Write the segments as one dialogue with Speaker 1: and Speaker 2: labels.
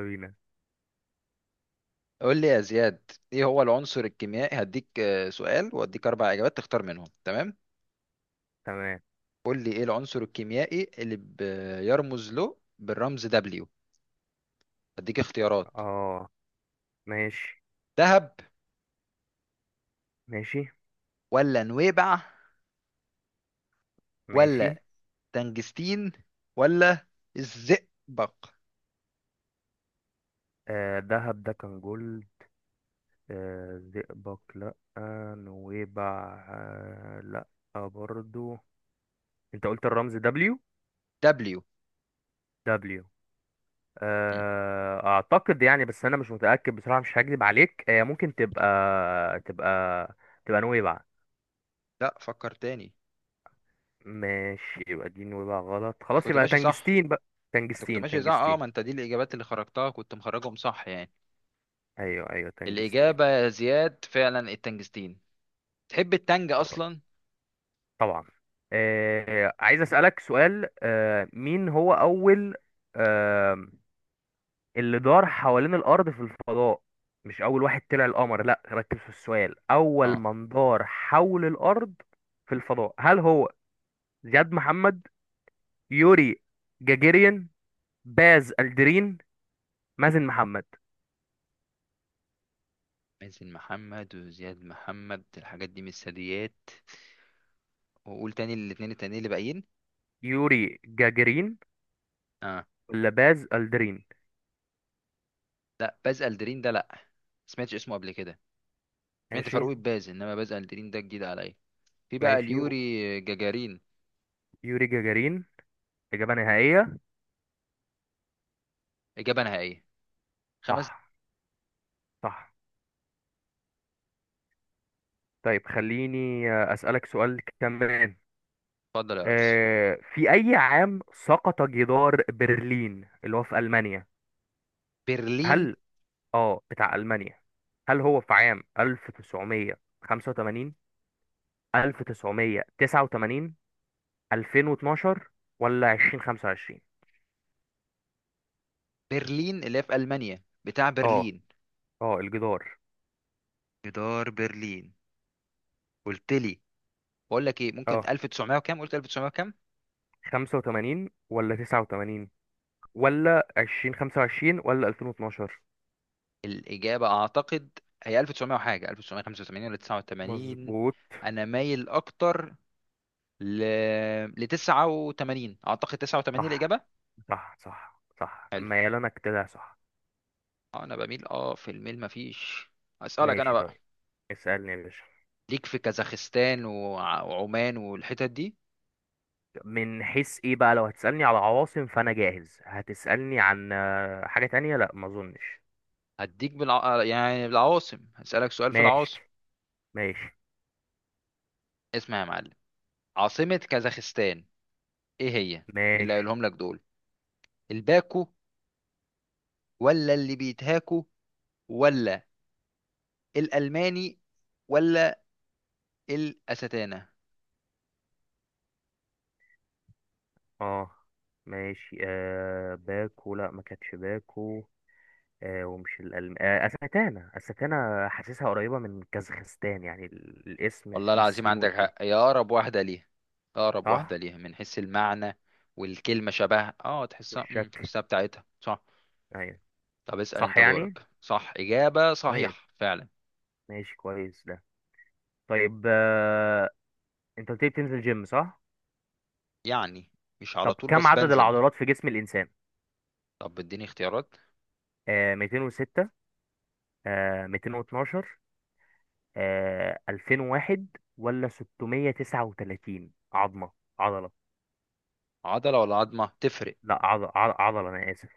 Speaker 1: بينا.
Speaker 2: قول لي يا زياد ايه هو العنصر الكيميائي هديك سؤال واديك اربع اجابات تختار منهم. تمام؟
Speaker 1: تمام.
Speaker 2: قول لي ايه العنصر الكيميائي اللي بيرمز له بالرمز دبليو. هديك اختيارات:
Speaker 1: اه، ماشي.
Speaker 2: ذهب،
Speaker 1: ماشي.
Speaker 2: ولا نويبع،
Speaker 1: ماشي.
Speaker 2: ولا تنجستين، ولا الزئبق.
Speaker 1: دهب ده كان جول. زئبق، لأ. نويبع، لأ. برضو. انت قلت الرمز دبليو؟
Speaker 2: دبليو.
Speaker 1: دبليو. اعتقد يعني، بس انا مش متأكد بصراحة، مش هكذب عليك. ممكن تبقى تبقى تبقى نويبع.
Speaker 2: لا، فكر تاني.
Speaker 1: ماشي، يبقى دي نويبع غلط.
Speaker 2: انت
Speaker 1: خلاص
Speaker 2: كنت
Speaker 1: يبقى
Speaker 2: ماشي صح.
Speaker 1: تنجستين بقى.
Speaker 2: انت كنت
Speaker 1: تنجستين،
Speaker 2: ماشي صح،
Speaker 1: تنجستين.
Speaker 2: ما انت دي الاجابات اللي خرجتها، كنت مخرجهم صح يعني.
Speaker 1: ايوه، ايوه، تنجستين.
Speaker 2: الاجابه يا زياد فعلا التنجستين. تحب التنج اصلا؟
Speaker 1: خلاص. طبعا. عايز اسالك سؤال. مين هو اول آه اللي دار حوالين الارض في الفضاء؟ مش اول واحد طلع القمر، لا، ركز في السؤال. اول
Speaker 2: اه
Speaker 1: من دار حول الارض في الفضاء. هل هو زياد محمد، يوري جاجيرين، باز الدرين، مازن محمد؟
Speaker 2: مازن محمد وزياد محمد الحاجات دي من الثدييات. وقول تاني الاتنين التانيين اللي باقيين.
Speaker 1: يوري جاجيرين
Speaker 2: اه
Speaker 1: ولا باز الدرين؟
Speaker 2: لا، باز الدرين ده لا، سمعتش اسمه قبل كده. سمعت
Speaker 1: ماشي.
Speaker 2: فاروق باز، انما باز الدرين ده جديد عليا. في بقى
Speaker 1: ماشي.
Speaker 2: اليوري جاجارين.
Speaker 1: يوري جاجارين، إجابة نهائية.
Speaker 2: اجابه نهائيه. خمس.
Speaker 1: صح. صح. طيب خليني أسألك سؤال كمان.
Speaker 2: اتفضل يا ريس.
Speaker 1: في أي عام سقط جدار برلين اللي هو في ألمانيا؟
Speaker 2: برلين؟
Speaker 1: هل، بتاع ألمانيا، هل هو في عام 1985، 1989، 2012، ولا 2025؟
Speaker 2: برلين اللي هي في المانيا، بتاع
Speaker 1: آه.
Speaker 2: برلين.
Speaker 1: الجدار.
Speaker 2: جدار برلين. قلت لي، بقول لك ايه ممكن
Speaker 1: آه
Speaker 2: 1900 وكام. قلت 1900 وكام.
Speaker 1: 85 ولا 89، ولا 2025، ولا 2012؟
Speaker 2: الإجابة أعتقد هي 1900 وحاجة، 1985 ولا 89.
Speaker 1: مظبوط.
Speaker 2: أنا مايل أكتر ل ل 89. أعتقد 89
Speaker 1: صح،
Speaker 2: الإجابة.
Speaker 1: صح، صح، صح،
Speaker 2: حلو.
Speaker 1: ميال انا كده، صح.
Speaker 2: أنا بميل في الميل مفيش. أسألك أنا
Speaker 1: ماشي
Speaker 2: بقى.
Speaker 1: طيب. اسألني يا باشا.
Speaker 2: ليك في كازاخستان وعمان والحتت دي؟
Speaker 1: من حيث ايه بقى؟ لو هتسألني على عواصم فأنا جاهز. هتسألني عن حاجة تانية؟ لا، ما اظنش.
Speaker 2: يعني بالعواصم هسألك سؤال في
Speaker 1: ماشي.
Speaker 2: العواصم.
Speaker 1: ماشي.
Speaker 2: اسمع يا معلم: عاصمة كازاخستان إيه هي؟ من اللي
Speaker 1: ماشي.
Speaker 2: قايلهم لك دول؟ الباكو، ولا اللي بيتهاكو، ولا الألماني، ولا الأستانة؟
Speaker 1: اه. ماشي باكو، لا، ما كانتش باكو. ومش الألم. أستانا، أستانا، حاسسها قريبة من كازاخستان. يعني الاسم
Speaker 2: والله
Speaker 1: فيه
Speaker 2: العظيم
Speaker 1: السين
Speaker 2: عندك
Speaker 1: والت.
Speaker 2: حق، هي أقرب واحدة ليها. أقرب واحدة
Speaker 1: صح،
Speaker 2: ليها من حيث المعنى. والكلمة شبهها، تحسها،
Speaker 1: والشكل.
Speaker 2: تحسها بتاعتها صح.
Speaker 1: ايوه.
Speaker 2: طب اسأل
Speaker 1: صح
Speaker 2: انت
Speaker 1: يعني.
Speaker 2: دورك. صح، إجابة
Speaker 1: طيب،
Speaker 2: صحيح فعلا.
Speaker 1: ماشي، كويس ده. طيب. انت قلت لي بتنزل جيم، صح؟
Speaker 2: يعني مش على
Speaker 1: طب
Speaker 2: طول،
Speaker 1: كم
Speaker 2: بس
Speaker 1: عدد
Speaker 2: بنزل.
Speaker 1: العضلات في جسم الإنسان؟
Speaker 2: طب اديني اختيارات.
Speaker 1: 206، 212، 2001، ولا 639 عظمة. عضلة.
Speaker 2: عضلة ولا عظمة؟ تفرق.
Speaker 1: لا، عضلة، أنا آسف.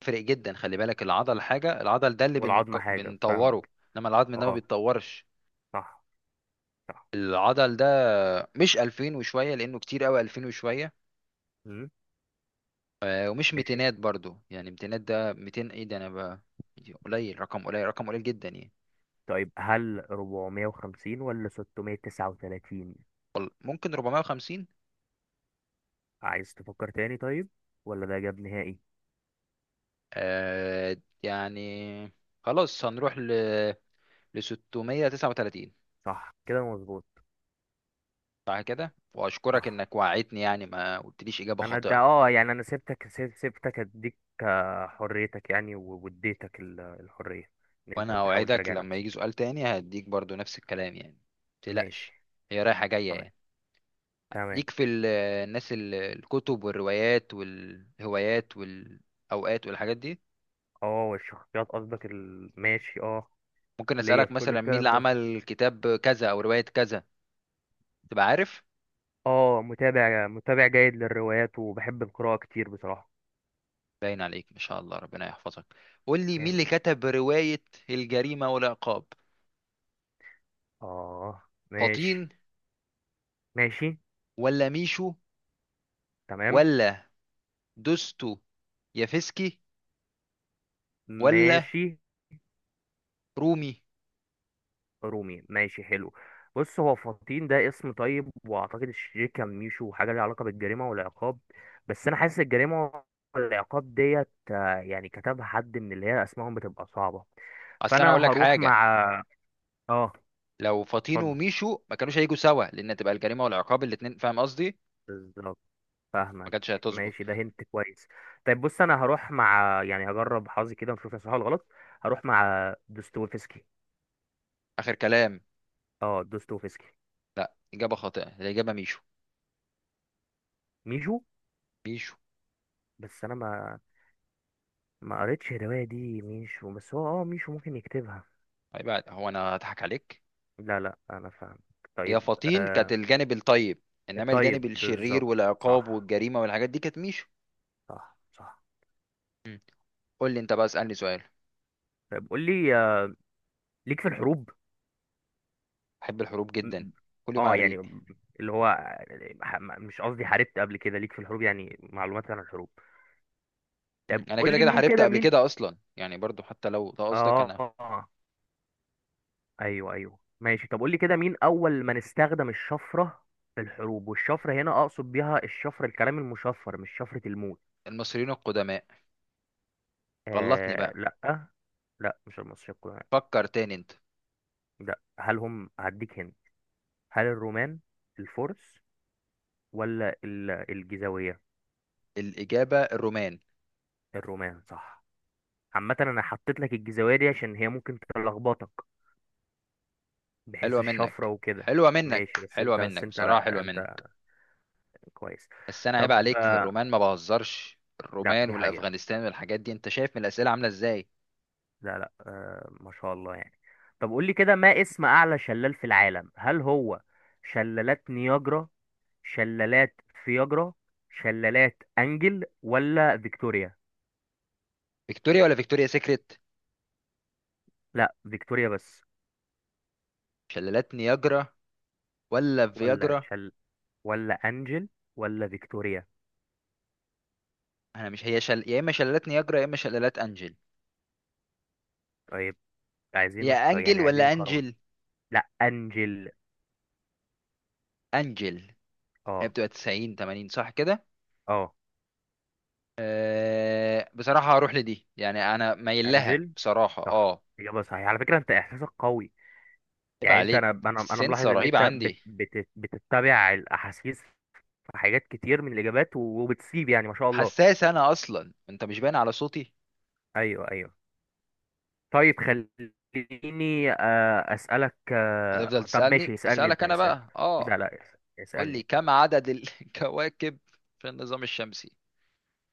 Speaker 2: تفرق جدا. خلي بالك، العضل حاجة، العضل ده اللي
Speaker 1: والعظمة حاجة،
Speaker 2: بنطوره،
Speaker 1: فاهمك.
Speaker 2: انما العظم ده ما
Speaker 1: اه.
Speaker 2: بيتطورش.
Speaker 1: صح. صح.
Speaker 2: العضل ده مش 2000 وشوية، لأنه كتير قوي 2000 وشوية.
Speaker 1: مم.
Speaker 2: ومش
Speaker 1: ماشي.
Speaker 2: ميتينات برضو. يعني ميتينات ده ميتين، ايه ده انا بقى! قليل، رقم قليل، رقم قليل جدا يعني.
Speaker 1: طيب، هل 450 ولا 639؟
Speaker 2: ممكن 450.
Speaker 1: عايز تفكر تاني؟ طيب. ولا ده إجابة نهائي؟
Speaker 2: آه يعني، خلاص هنروح ل 639.
Speaker 1: صح كده، مظبوط.
Speaker 2: صح كده، واشكرك
Speaker 1: صح،
Speaker 2: انك وعدتني يعني، ما قلتليش اجابة
Speaker 1: انا ده
Speaker 2: خاطئة.
Speaker 1: اه، يعني انا سبتك، سبتك اديك حريتك يعني، واديتك الحرية، ان انت
Speaker 2: وانا
Speaker 1: بتحاول
Speaker 2: اوعدك
Speaker 1: تراجع
Speaker 2: لما يجي
Speaker 1: نفسك.
Speaker 2: سؤال تاني هديك برضو نفس الكلام يعني، متقلقش.
Speaker 1: ماشي.
Speaker 2: هي رايحة جاية
Speaker 1: تمام،
Speaker 2: يعني.
Speaker 1: تمام.
Speaker 2: ليك في الناس، الكتب والروايات والهوايات والاوقات والحاجات دي؟
Speaker 1: اه، الشخصيات قصدك ماشي، اه.
Speaker 2: ممكن
Speaker 1: ليا
Speaker 2: اسالك
Speaker 1: في كل
Speaker 2: مثلا مين اللي
Speaker 1: الكلام ده.
Speaker 2: عمل كتاب كذا او روايه كذا، تبقى عارف؟
Speaker 1: اه، متابع جيد للروايات، وبحب القراءة كتير بصراحة.
Speaker 2: باين عليك، ما شاء الله، ربنا يحفظك. قول لي مين اللي
Speaker 1: يعني.
Speaker 2: كتب روايه الجريمه والعقاب؟
Speaker 1: اه، ماشي.
Speaker 2: فطين،
Speaker 1: ماشي.
Speaker 2: ولا ميشو،
Speaker 1: تمام.
Speaker 2: ولا دوستو يافسكي، ولا
Speaker 1: ماشي.
Speaker 2: رومي؟
Speaker 1: رومي، ماشي، حلو. بص، هو فطين ده اسم طيب، واعتقد الشرير كان ميشو، حاجه ليها علاقه بالجريمه والعقاب. بس انا حاسس الجريمه والعقاب ديت، يعني كتبها حد من اللي هي اسمائهم بتبقى صعبه.
Speaker 2: اصل انا
Speaker 1: فانا
Speaker 2: اقول لك
Speaker 1: هروح
Speaker 2: حاجه:
Speaker 1: مع. اه.
Speaker 2: لو فطين
Speaker 1: اتفضل.
Speaker 2: وميشو ما كانوش هيجوا سوا، لان تبقى الجريمه والعقاب الاتنين، فاهم قصدي؟
Speaker 1: بالظبط.
Speaker 2: ما
Speaker 1: فاهمك.
Speaker 2: كانتش هتظبط.
Speaker 1: ماشي، ده هنت كويس. طيب بص، انا هروح مع، يعني هجرب حظي كده ونشوف هي صح ولا غلط. هروح مع دوستويفسكي.
Speaker 2: اخر كلام؟
Speaker 1: اه، دوستويفسكي.
Speaker 2: لا، اجابه خاطئه. الاجابه ميشو.
Speaker 1: ميشو.
Speaker 2: ميشو.
Speaker 1: بس انا ما قريتش الرواية دي، ميشو، بس هو اه، ميشو ممكن يكتبها.
Speaker 2: طيب، هو انا هضحك عليك؟
Speaker 1: لا، لا، انا فاهم.
Speaker 2: هي
Speaker 1: طيب.
Speaker 2: فطين كانت الجانب الطيب، انما
Speaker 1: الطيب
Speaker 2: الجانب الشرير
Speaker 1: بالظبط.
Speaker 2: والعقاب
Speaker 1: صح.
Speaker 2: والجريمه والحاجات دي كانت ميشو.
Speaker 1: صح، صح.
Speaker 2: مم. قول لي انت بقى، اسالني سؤال.
Speaker 1: طيب قول لي ليك في الحروب؟
Speaker 2: بحب الحروب
Speaker 1: م-.
Speaker 2: جدا،
Speaker 1: م-.
Speaker 2: كل يوم على
Speaker 1: اه يعني،
Speaker 2: الريق.
Speaker 1: اللي هو، ح-، م-، مش قصدي حاربت قبل كده، ليك في الحروب يعني معلومات عن الحروب؟
Speaker 2: مم.
Speaker 1: طيب
Speaker 2: انا
Speaker 1: قول
Speaker 2: كده
Speaker 1: لي
Speaker 2: كده
Speaker 1: مين،
Speaker 2: حاربت
Speaker 1: كده
Speaker 2: قبل
Speaker 1: مين.
Speaker 2: كده اصلا يعني، برضو حتى لو ده قصدك انا.
Speaker 1: اه. ايوه، ايوه، ماشي. طب قول لي كده، مين اول من استخدم الشفرة في الحروب؟ والشفرة هنا اقصد بيها الشفرة الكلام المشفر، مش شفرة الموت.
Speaker 2: المصريين القدماء. غلطني بقى.
Speaker 1: لا. لا، مش المصريين القدماء.
Speaker 2: فكر تاني انت.
Speaker 1: لا، هل هم هديك هنا. هل الرومان، الفرس، ولا الجيزاوية؟
Speaker 2: الاجابه الرومان.
Speaker 1: الرومان، صح. عامة انا حطيت لك الجيزاوية دي عشان هي ممكن تلخبطك، بحيث
Speaker 2: حلوه منك،
Speaker 1: الشفرة وكده.
Speaker 2: حلوه منك،
Speaker 1: ماشي.
Speaker 2: حلوه
Speaker 1: بس
Speaker 2: منك،
Speaker 1: انت،
Speaker 2: بصراحه
Speaker 1: لا،
Speaker 2: حلوه منك.
Speaker 1: انت كويس.
Speaker 2: بس انا عيب
Speaker 1: طب.
Speaker 2: عليك في الرومان، ما بهزرش.
Speaker 1: لا،
Speaker 2: الرومان
Speaker 1: دي حقيقة.
Speaker 2: والافغانستان والحاجات دي انت شايف من الاسئله عامله ازاي.
Speaker 1: لا، لا، ما شاء الله يعني. طب قول لي كده، ما اسم اعلى شلال في العالم؟ هل هو شلالات نياجرا، شلالات فياجرا، شلالات انجل، ولا فيكتوريا؟
Speaker 2: فيكتوريا ولا فيكتوريا سيكريت؟
Speaker 1: لا، فيكتوريا بس.
Speaker 2: شلالات نياجرا ولا
Speaker 1: ولا
Speaker 2: فياجرا؟
Speaker 1: شل-، ولا انجل، ولا فيكتوريا.
Speaker 2: انا مش يا اما شلالات نياجرا يا اما شلالات انجل.
Speaker 1: طيب. عايزين
Speaker 2: يا انجل
Speaker 1: يعني عايزين
Speaker 2: ولا
Speaker 1: كرم.
Speaker 2: انجل؟
Speaker 1: لا، انجل.
Speaker 2: انجل. هي
Speaker 1: اه.
Speaker 2: بتبقى 90، 80، صح كده.
Speaker 1: اه،
Speaker 2: بصراحة هروح لدي، يعني انا مايل لها
Speaker 1: انجل.
Speaker 2: بصراحة،
Speaker 1: صح، اجابه صحيحه على فكره. انت احساسك قوي
Speaker 2: عيب
Speaker 1: يعني. انت،
Speaker 2: عليك.
Speaker 1: انا، انا ملاحظ
Speaker 2: السنسة
Speaker 1: ان
Speaker 2: رهيبة
Speaker 1: انت بت
Speaker 2: عندي.
Speaker 1: بت بتتبع الاحاسيس في حاجات كتير من الاجابات، وبتسيب يعني. ما شاء الله.
Speaker 2: حساس انا اصلا، انت مش باين على صوتي؟
Speaker 1: ايوه، ايوه. طيب خليني أسألك.
Speaker 2: هتفضل
Speaker 1: طب ماشي،
Speaker 2: تسألني،
Speaker 1: اسألني
Speaker 2: اسألك
Speaker 1: أنت.
Speaker 2: انا
Speaker 1: اسألني.
Speaker 2: بقى
Speaker 1: لا، لا،
Speaker 2: قول لي
Speaker 1: اسألني.
Speaker 2: كم عدد الكواكب في النظام الشمسي.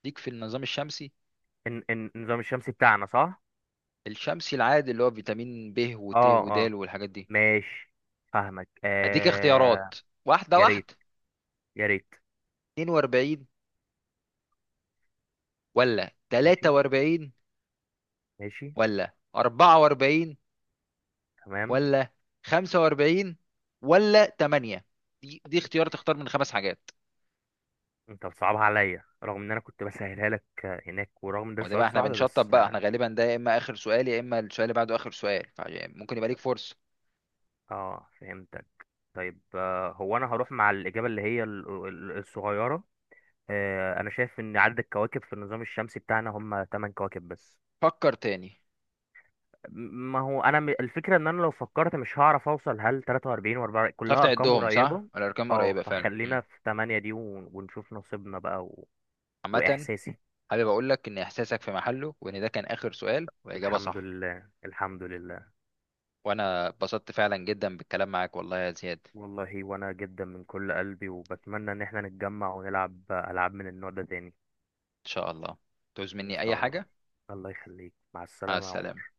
Speaker 2: ليك في النظام الشمسي؟
Speaker 1: النظام الشمسي بتاعنا، صح؟
Speaker 2: الشمسي العادي اللي هو فيتامين ب وت
Speaker 1: اه،
Speaker 2: ودال
Speaker 1: اه.
Speaker 2: والحاجات دي.
Speaker 1: ماشي. فاهمك.
Speaker 2: اديك
Speaker 1: آه.
Speaker 2: اختيارات واحده
Speaker 1: يا ريت،
Speaker 2: واحده:
Speaker 1: يا ريت.
Speaker 2: 42، ولا
Speaker 1: ماشي.
Speaker 2: 43،
Speaker 1: ماشي.
Speaker 2: ولا 44،
Speaker 1: تمام.
Speaker 2: ولا 45، ولا 8. دي دي اختيار، تختار من خمس حاجات.
Speaker 1: انت بتصعبها عليا، رغم ان انا كنت بسهلها لك. هناك، ورغم ان ده
Speaker 2: وده
Speaker 1: سؤال
Speaker 2: بقى احنا
Speaker 1: صعب، بس
Speaker 2: بنشطب بقى،
Speaker 1: اه.
Speaker 2: احنا غالبا ده يا اما اخر سؤال يا اما السؤال اللي بعده اخر سؤال، فممكن يبقى ليك فرصه.
Speaker 1: فهمتك. طيب، هو انا هروح مع الاجابه اللي هي الصغيره. انا شايف ان عدد الكواكب في النظام الشمسي بتاعنا هم 8 كواكب بس.
Speaker 2: فكر تاني.
Speaker 1: م-. ما هو انا، م-، الفكره ان انا لو فكرت مش هعرف اوصل. هل 43 و4
Speaker 2: مش عارف
Speaker 1: كلها ارقام
Speaker 2: تعدهم؟ صح،
Speaker 1: قريبه؟
Speaker 2: الارقام
Speaker 1: اه،
Speaker 2: قريبه فعلا. مم.
Speaker 1: فخلينا في 8 دي ونشوف نصيبنا بقى، و...
Speaker 2: عامه،
Speaker 1: واحساسي.
Speaker 2: حابب اقول لك ان احساسك في محله، وان ده كان اخر سؤال، واجابه
Speaker 1: الحمد
Speaker 2: صح.
Speaker 1: لله، الحمد لله.
Speaker 2: وانا اتبسطت فعلا جدا بالكلام معاك والله يا زياد.
Speaker 1: والله، وانا جدا من كل قلبي، وبتمنى ان احنا نتجمع ونلعب العاب من النوع ده تاني.
Speaker 2: شاء الله. تعوز
Speaker 1: ان
Speaker 2: مني أي
Speaker 1: شاء الله.
Speaker 2: حاجة.
Speaker 1: الله يخليك. مع
Speaker 2: مع
Speaker 1: السلامه يا
Speaker 2: السلامة.
Speaker 1: عمر.